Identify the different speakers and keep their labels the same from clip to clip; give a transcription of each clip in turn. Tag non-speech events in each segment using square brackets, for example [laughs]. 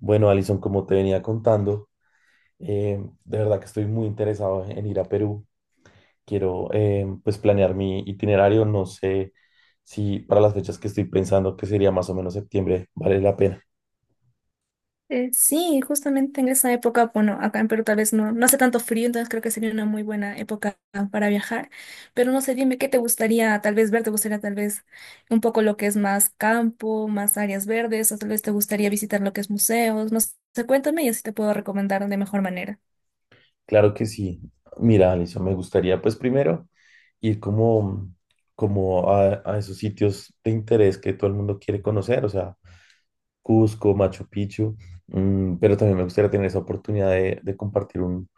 Speaker 1: Bueno, Alison, como te venía contando, de verdad que estoy muy interesado en ir a Perú. Quiero pues planear mi itinerario. No sé si para las fechas que estoy pensando, que sería más o menos septiembre, vale la pena.
Speaker 2: Sí, justamente en esa época, bueno, acá en Perú tal vez no hace tanto frío, entonces creo que sería una muy buena época para viajar, pero no sé, dime qué te gustaría tal vez ver, te gustaría tal vez un poco lo que es más campo, más áreas verdes, o tal vez te gustaría visitar lo que es museos, no sé, cuéntame y así te puedo recomendar de mejor manera.
Speaker 1: Claro que sí. Mira, Alison, me gustaría pues primero ir como a esos sitios de interés que todo el mundo quiere conocer, o sea, Cusco, Machu Picchu, pero también me gustaría tener esa oportunidad de compartir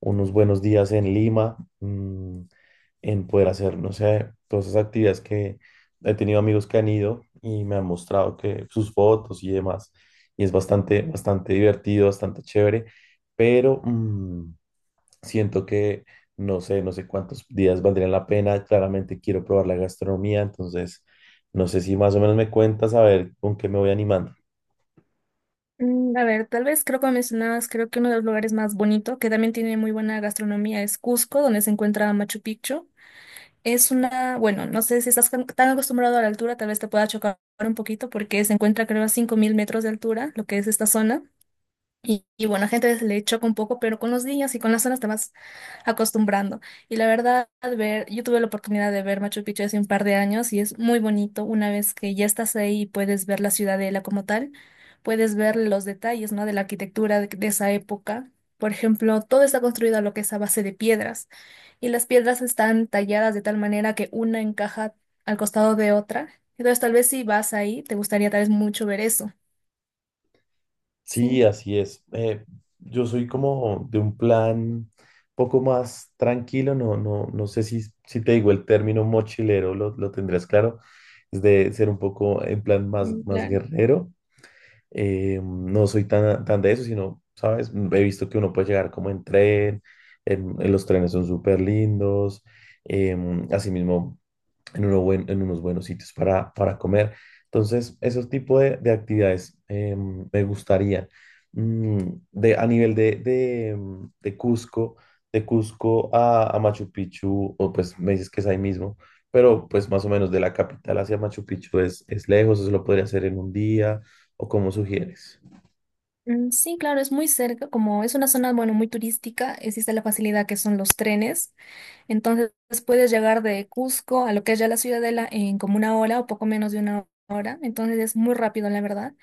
Speaker 1: unos buenos días en Lima. En poder hacer, no sé, todas esas actividades que he tenido amigos que han ido y me han mostrado que sus fotos y demás, y es bastante, bastante divertido, bastante chévere, pero siento que no sé, no sé cuántos días valdrían la pena. Claramente quiero probar la gastronomía, entonces no sé si más o menos me cuentas a ver con qué me voy animando.
Speaker 2: A ver, tal vez creo que mencionabas, creo que uno de los lugares más bonitos que también tiene muy buena gastronomía, es Cusco, donde se encuentra Machu Picchu. Es una, bueno, no sé si estás tan acostumbrado a la altura, tal vez te pueda chocar un poquito porque se encuentra creo a 5000 metros de altura, lo que es esta zona. Y bueno, a gente le choca un poco, pero con los días y con las zonas te vas acostumbrando. Y la verdad, ver, yo tuve la oportunidad de ver Machu Picchu hace un par de años y es muy bonito una vez que ya estás ahí y puedes ver la ciudadela como tal, puedes ver los detalles, ¿no? De la arquitectura de esa época. Por ejemplo, todo está construido a lo que es a base de piedras y las piedras están talladas de tal manera que una encaja al costado de otra. Entonces, tal vez si vas ahí, te gustaría tal vez mucho ver eso.
Speaker 1: Sí,
Speaker 2: Sí,
Speaker 1: así es. Yo soy como de un plan poco más tranquilo. No, no, no sé si, si te digo el término mochilero, lo tendrás claro, es de ser un poco en plan más, más
Speaker 2: claro.
Speaker 1: guerrero. No soy tan, tan de eso, sino, ¿sabes? He visto que uno puede llegar como en tren, en los trenes son súper lindos, asimismo en unos buenos sitios para comer. Entonces, esos tipos de actividades me gustaría. A nivel de de Cusco a Machu Picchu, o pues me dices que es ahí mismo, pero pues más o menos de la capital hacia Machu Picchu es lejos, eso lo podría hacer en un día, o como sugieres.
Speaker 2: Sí, claro, es muy cerca, como es una zona, bueno, muy turística, existe la facilidad que son los trenes. Entonces puedes llegar de Cusco a lo que es ya la Ciudadela en como una hora o poco menos de una hora. Entonces es muy rápido, la verdad.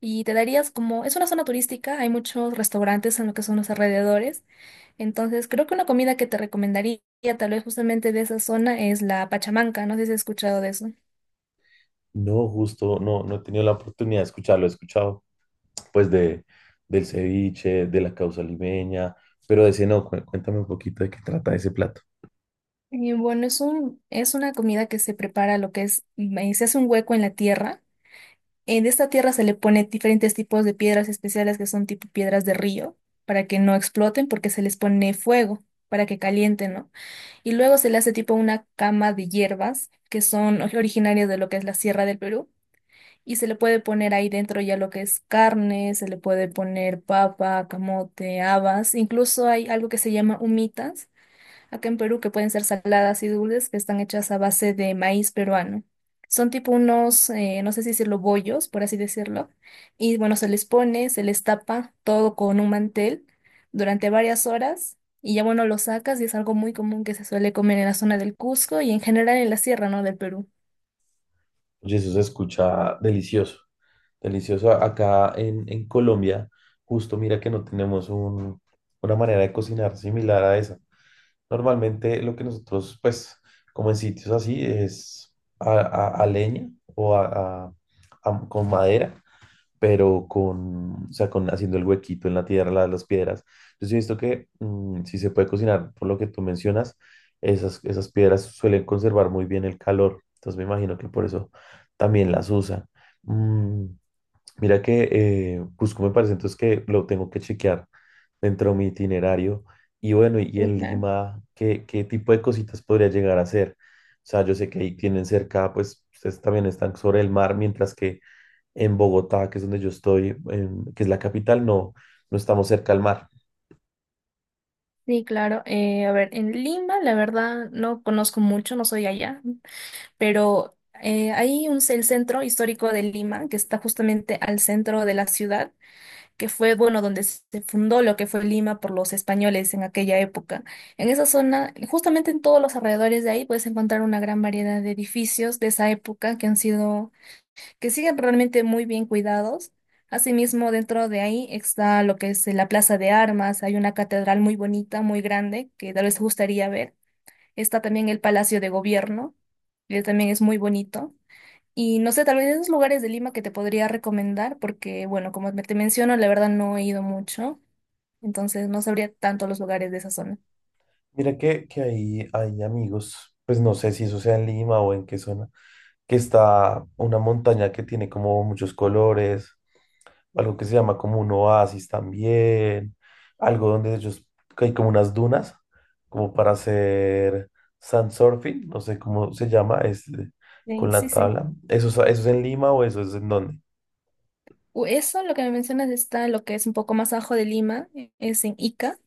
Speaker 2: Y te darías como, es una zona turística, hay muchos restaurantes en lo que son los alrededores. Entonces creo que una comida que te recomendaría tal vez justamente de esa zona es la pachamanca. No sé si has escuchado de eso.
Speaker 1: No, justo, no, no he tenido la oportunidad de escucharlo, he escuchado pues de, del ceviche, de la causa limeña, pero de ese no, cuéntame un poquito de qué trata ese plato.
Speaker 2: Y bueno, es un, es una comida que se prepara lo que es, se hace un hueco en la tierra. En esta tierra se le pone diferentes tipos de piedras especiales que son tipo piedras de río, para que no exploten, porque se les pone fuego, para que calienten, ¿no? Y luego se le hace tipo una cama de hierbas, que son [laughs] originarias de lo que es la Sierra del Perú, y se le puede poner ahí dentro ya lo que es carne, se le puede poner papa, camote, habas, incluso hay algo que se llama humitas acá en Perú que pueden ser saladas y dulces que están hechas a base de maíz peruano. Son tipo unos, no sé si decirlo, bollos, por así decirlo. Y bueno, se les pone, se les tapa todo con un mantel durante varias horas y ya bueno, lo sacas y es algo muy común que se suele comer en la zona del Cusco y en general en la sierra, ¿no? Del Perú.
Speaker 1: Oye, eso se escucha delicioso, delicioso. Acá en Colombia, justo mira que no tenemos una manera de cocinar similar a esa. Normalmente lo que nosotros, pues, como en sitios así, es a leña o con madera pero con, o sea, con haciendo el huequito en la tierra, las piedras. Entonces he visto que si se puede cocinar, por lo que tú mencionas, esas, esas piedras suelen conservar muy bien el calor. Entonces me imagino que por eso también las usan. Mm, mira que Cusco me parece entonces que lo tengo que chequear dentro de mi itinerario. Y bueno, y
Speaker 2: Sí,
Speaker 1: en
Speaker 2: claro.
Speaker 1: Lima, ¿qué, qué tipo de cositas podría llegar a hacer? O sea, yo sé que ahí tienen cerca, pues ustedes también están sobre el mar, mientras que en Bogotá, que es donde yo estoy, que es la capital, no, no estamos cerca al mar.
Speaker 2: Sí, claro. A ver, en Lima, la verdad, no conozco mucho, no soy allá, pero hay un, el centro histórico de Lima, que está justamente al centro de la ciudad, que fue, bueno, donde se fundó lo que fue Lima por los españoles en aquella época. En esa zona, justamente en todos los alrededores de ahí, puedes encontrar una gran variedad de edificios de esa época que han sido, que siguen realmente muy bien cuidados. Asimismo, dentro de ahí está lo que es la Plaza de Armas, hay una catedral muy bonita, muy grande, que tal vez te gustaría ver. Está también el Palacio de Gobierno, que también es muy bonito. Y no sé, tal vez esos lugares de Lima que te podría recomendar, porque bueno, como te menciono, la verdad no he ido mucho, entonces no sabría tanto los lugares de esa zona.
Speaker 1: Mira que ahí hay amigos, pues no sé si eso sea en Lima o en qué zona, que está una montaña que tiene como muchos colores, algo que se llama como un oasis también, algo donde ellos, que hay como unas dunas, como para hacer sandsurfing, no sé cómo se llama, es con la
Speaker 2: Sí.
Speaker 1: tabla. ¿Eso, eso es en Lima o eso es en dónde?
Speaker 2: Eso, lo que me mencionas, está lo que es un poco más abajo de Lima, es en Ica.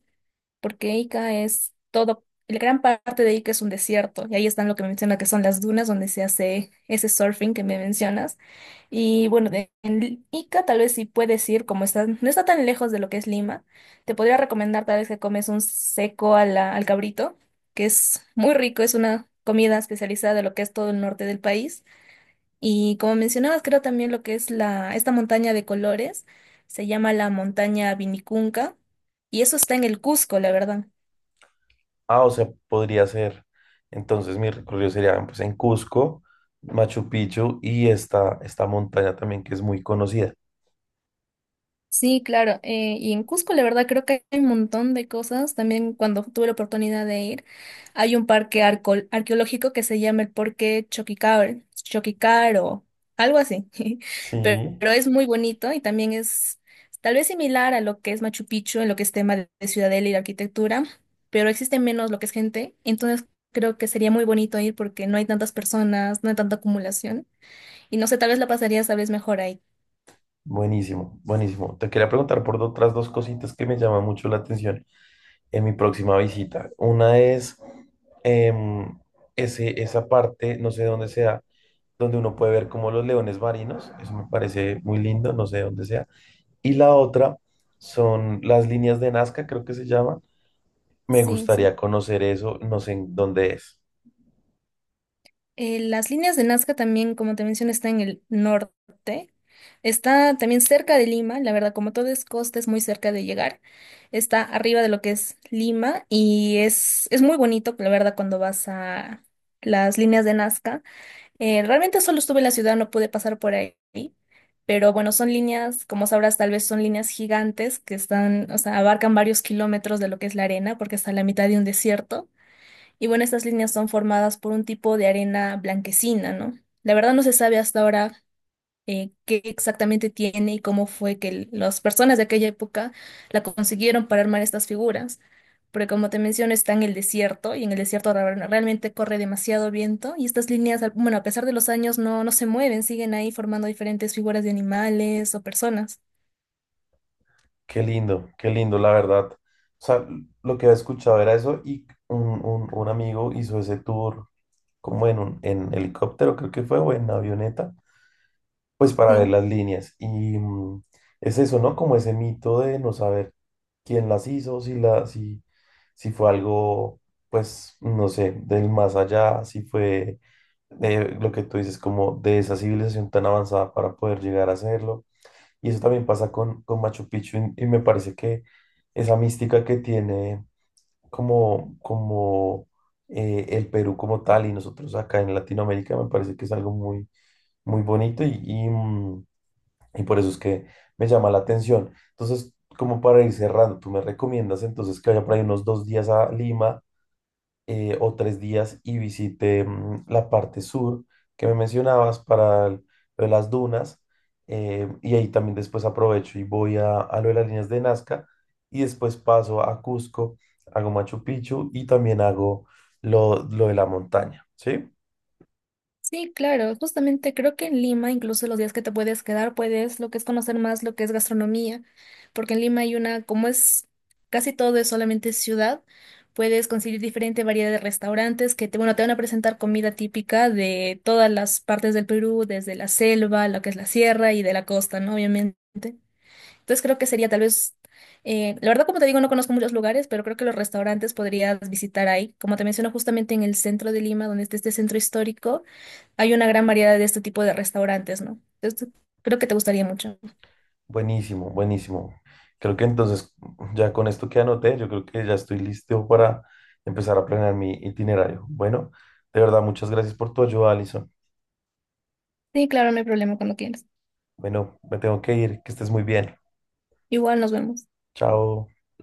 Speaker 2: Porque Ica es todo, la gran parte de Ica es un desierto, y ahí están lo que me menciona que son las dunas donde se hace ese surfing que me mencionas. Y bueno, de, en Ica tal vez sí puedes ir, como está, no está tan lejos de lo que es Lima, te podría recomendar tal vez que comes un seco al cabrito, que es muy rico, es una comida especializada de lo que es todo el norte del país. Y como mencionabas, creo también lo que es la, esta montaña de colores, se llama la montaña Vinicunca, y eso está en el Cusco, la verdad.
Speaker 1: Ah, o sea, podría ser. Entonces mi recorrido sería pues, en Cusco, Machu Picchu y esta montaña también que es muy conocida.
Speaker 2: Sí, claro. Y en Cusco, la verdad, creo que hay un montón de cosas. También cuando tuve la oportunidad de ir, hay un parque arqueológico que se llama el Parque Choquicar, Choquicar o algo así. [laughs]
Speaker 1: Sí.
Speaker 2: Pero es muy bonito y también es tal vez similar a lo que es Machu Picchu en lo que es tema de ciudadela y de arquitectura, pero existe menos lo que es gente. Entonces creo que sería muy bonito ir porque no hay tantas personas, no hay tanta acumulación. Y no sé, tal vez la pasarías tal vez mejor ahí.
Speaker 1: Buenísimo, buenísimo. Te quería preguntar por otras dos cositas que me llaman mucho la atención en mi próxima visita. Una es em, ese, esa parte, no sé dónde sea, donde uno puede ver como los leones marinos. Eso me parece muy lindo, no sé dónde sea. Y la otra son las líneas de Nazca, creo que se llama. Me
Speaker 2: Sí, sí.
Speaker 1: gustaría conocer eso, no sé en dónde es.
Speaker 2: Las líneas de Nazca también, como te mencioné, está en el norte. Está también cerca de Lima, la verdad, como todo es costa, es muy cerca de llegar. Está arriba de lo que es Lima y es muy bonito, la verdad, cuando vas a las líneas de Nazca. Realmente solo estuve en la ciudad, no pude pasar por ahí, pero bueno, son líneas, como sabrás, tal vez son líneas gigantes que están, o sea, abarcan varios kilómetros de lo que es la arena, porque está en la mitad de un desierto. Y bueno, estas líneas son formadas por un tipo de arena blanquecina, ¿no? La verdad no se sabe hasta ahora qué exactamente tiene y cómo fue que las personas de aquella época la consiguieron para armar estas figuras. Porque como te menciono, está en el desierto y en el desierto realmente corre demasiado viento y estas líneas, al- bueno, a pesar de los años, no se mueven, siguen ahí formando diferentes figuras de animales o personas.
Speaker 1: Qué lindo, la verdad. O sea, lo que había escuchado era eso y un amigo hizo ese tour como en un en helicóptero, creo que fue, o en avioneta, pues para ver
Speaker 2: Sí.
Speaker 1: las líneas. Y es eso, ¿no? Como ese mito de no saber quién las hizo, si, la, si, si fue algo, pues, no sé, del más allá, si fue lo que tú dices, como de esa civilización tan avanzada para poder llegar a hacerlo. Y eso también pasa con Machu Picchu y me parece que esa mística que tiene como, como el Perú como tal y nosotros acá en Latinoamérica me parece que es algo muy, muy bonito y, y por eso es que me llama la atención. Entonces, como para ir cerrando, tú me recomiendas entonces que vaya por ahí unos dos días a Lima o tres días y visité la parte sur que me mencionabas para lo de las dunas. Y ahí también después aprovecho y voy a lo de las líneas de Nazca y después paso a Cusco, hago Machu Picchu y también hago lo de la montaña, ¿sí?
Speaker 2: Sí, claro, justamente creo que en Lima, incluso los días que te puedes quedar, puedes lo que es conocer más lo que es gastronomía, porque en Lima hay una, como es casi todo es solamente ciudad, puedes conseguir diferente variedad de restaurantes que te, bueno, te van a presentar comida típica de todas las partes del Perú, desde la selva, lo que es la sierra y de la costa, ¿no? Obviamente. Entonces creo que sería tal vez, la verdad como te digo, no conozco muchos lugares, pero creo que los restaurantes podrías visitar ahí. Como te menciono, justamente en el centro de Lima, donde está este centro histórico hay una gran variedad de este tipo de restaurantes, ¿no? Entonces, creo que te gustaría mucho.
Speaker 1: Buenísimo, buenísimo. Creo que entonces [laughs] ya con esto que anoté, yo creo que ya estoy listo para empezar a planear mi itinerario. Bueno, de verdad, muchas gracias por tu ayuda, Alison.
Speaker 2: Sí, claro, no hay problema cuando quieras.
Speaker 1: Bueno, me tengo que ir, que estés muy bien.
Speaker 2: Igual nos vemos.
Speaker 1: Chao.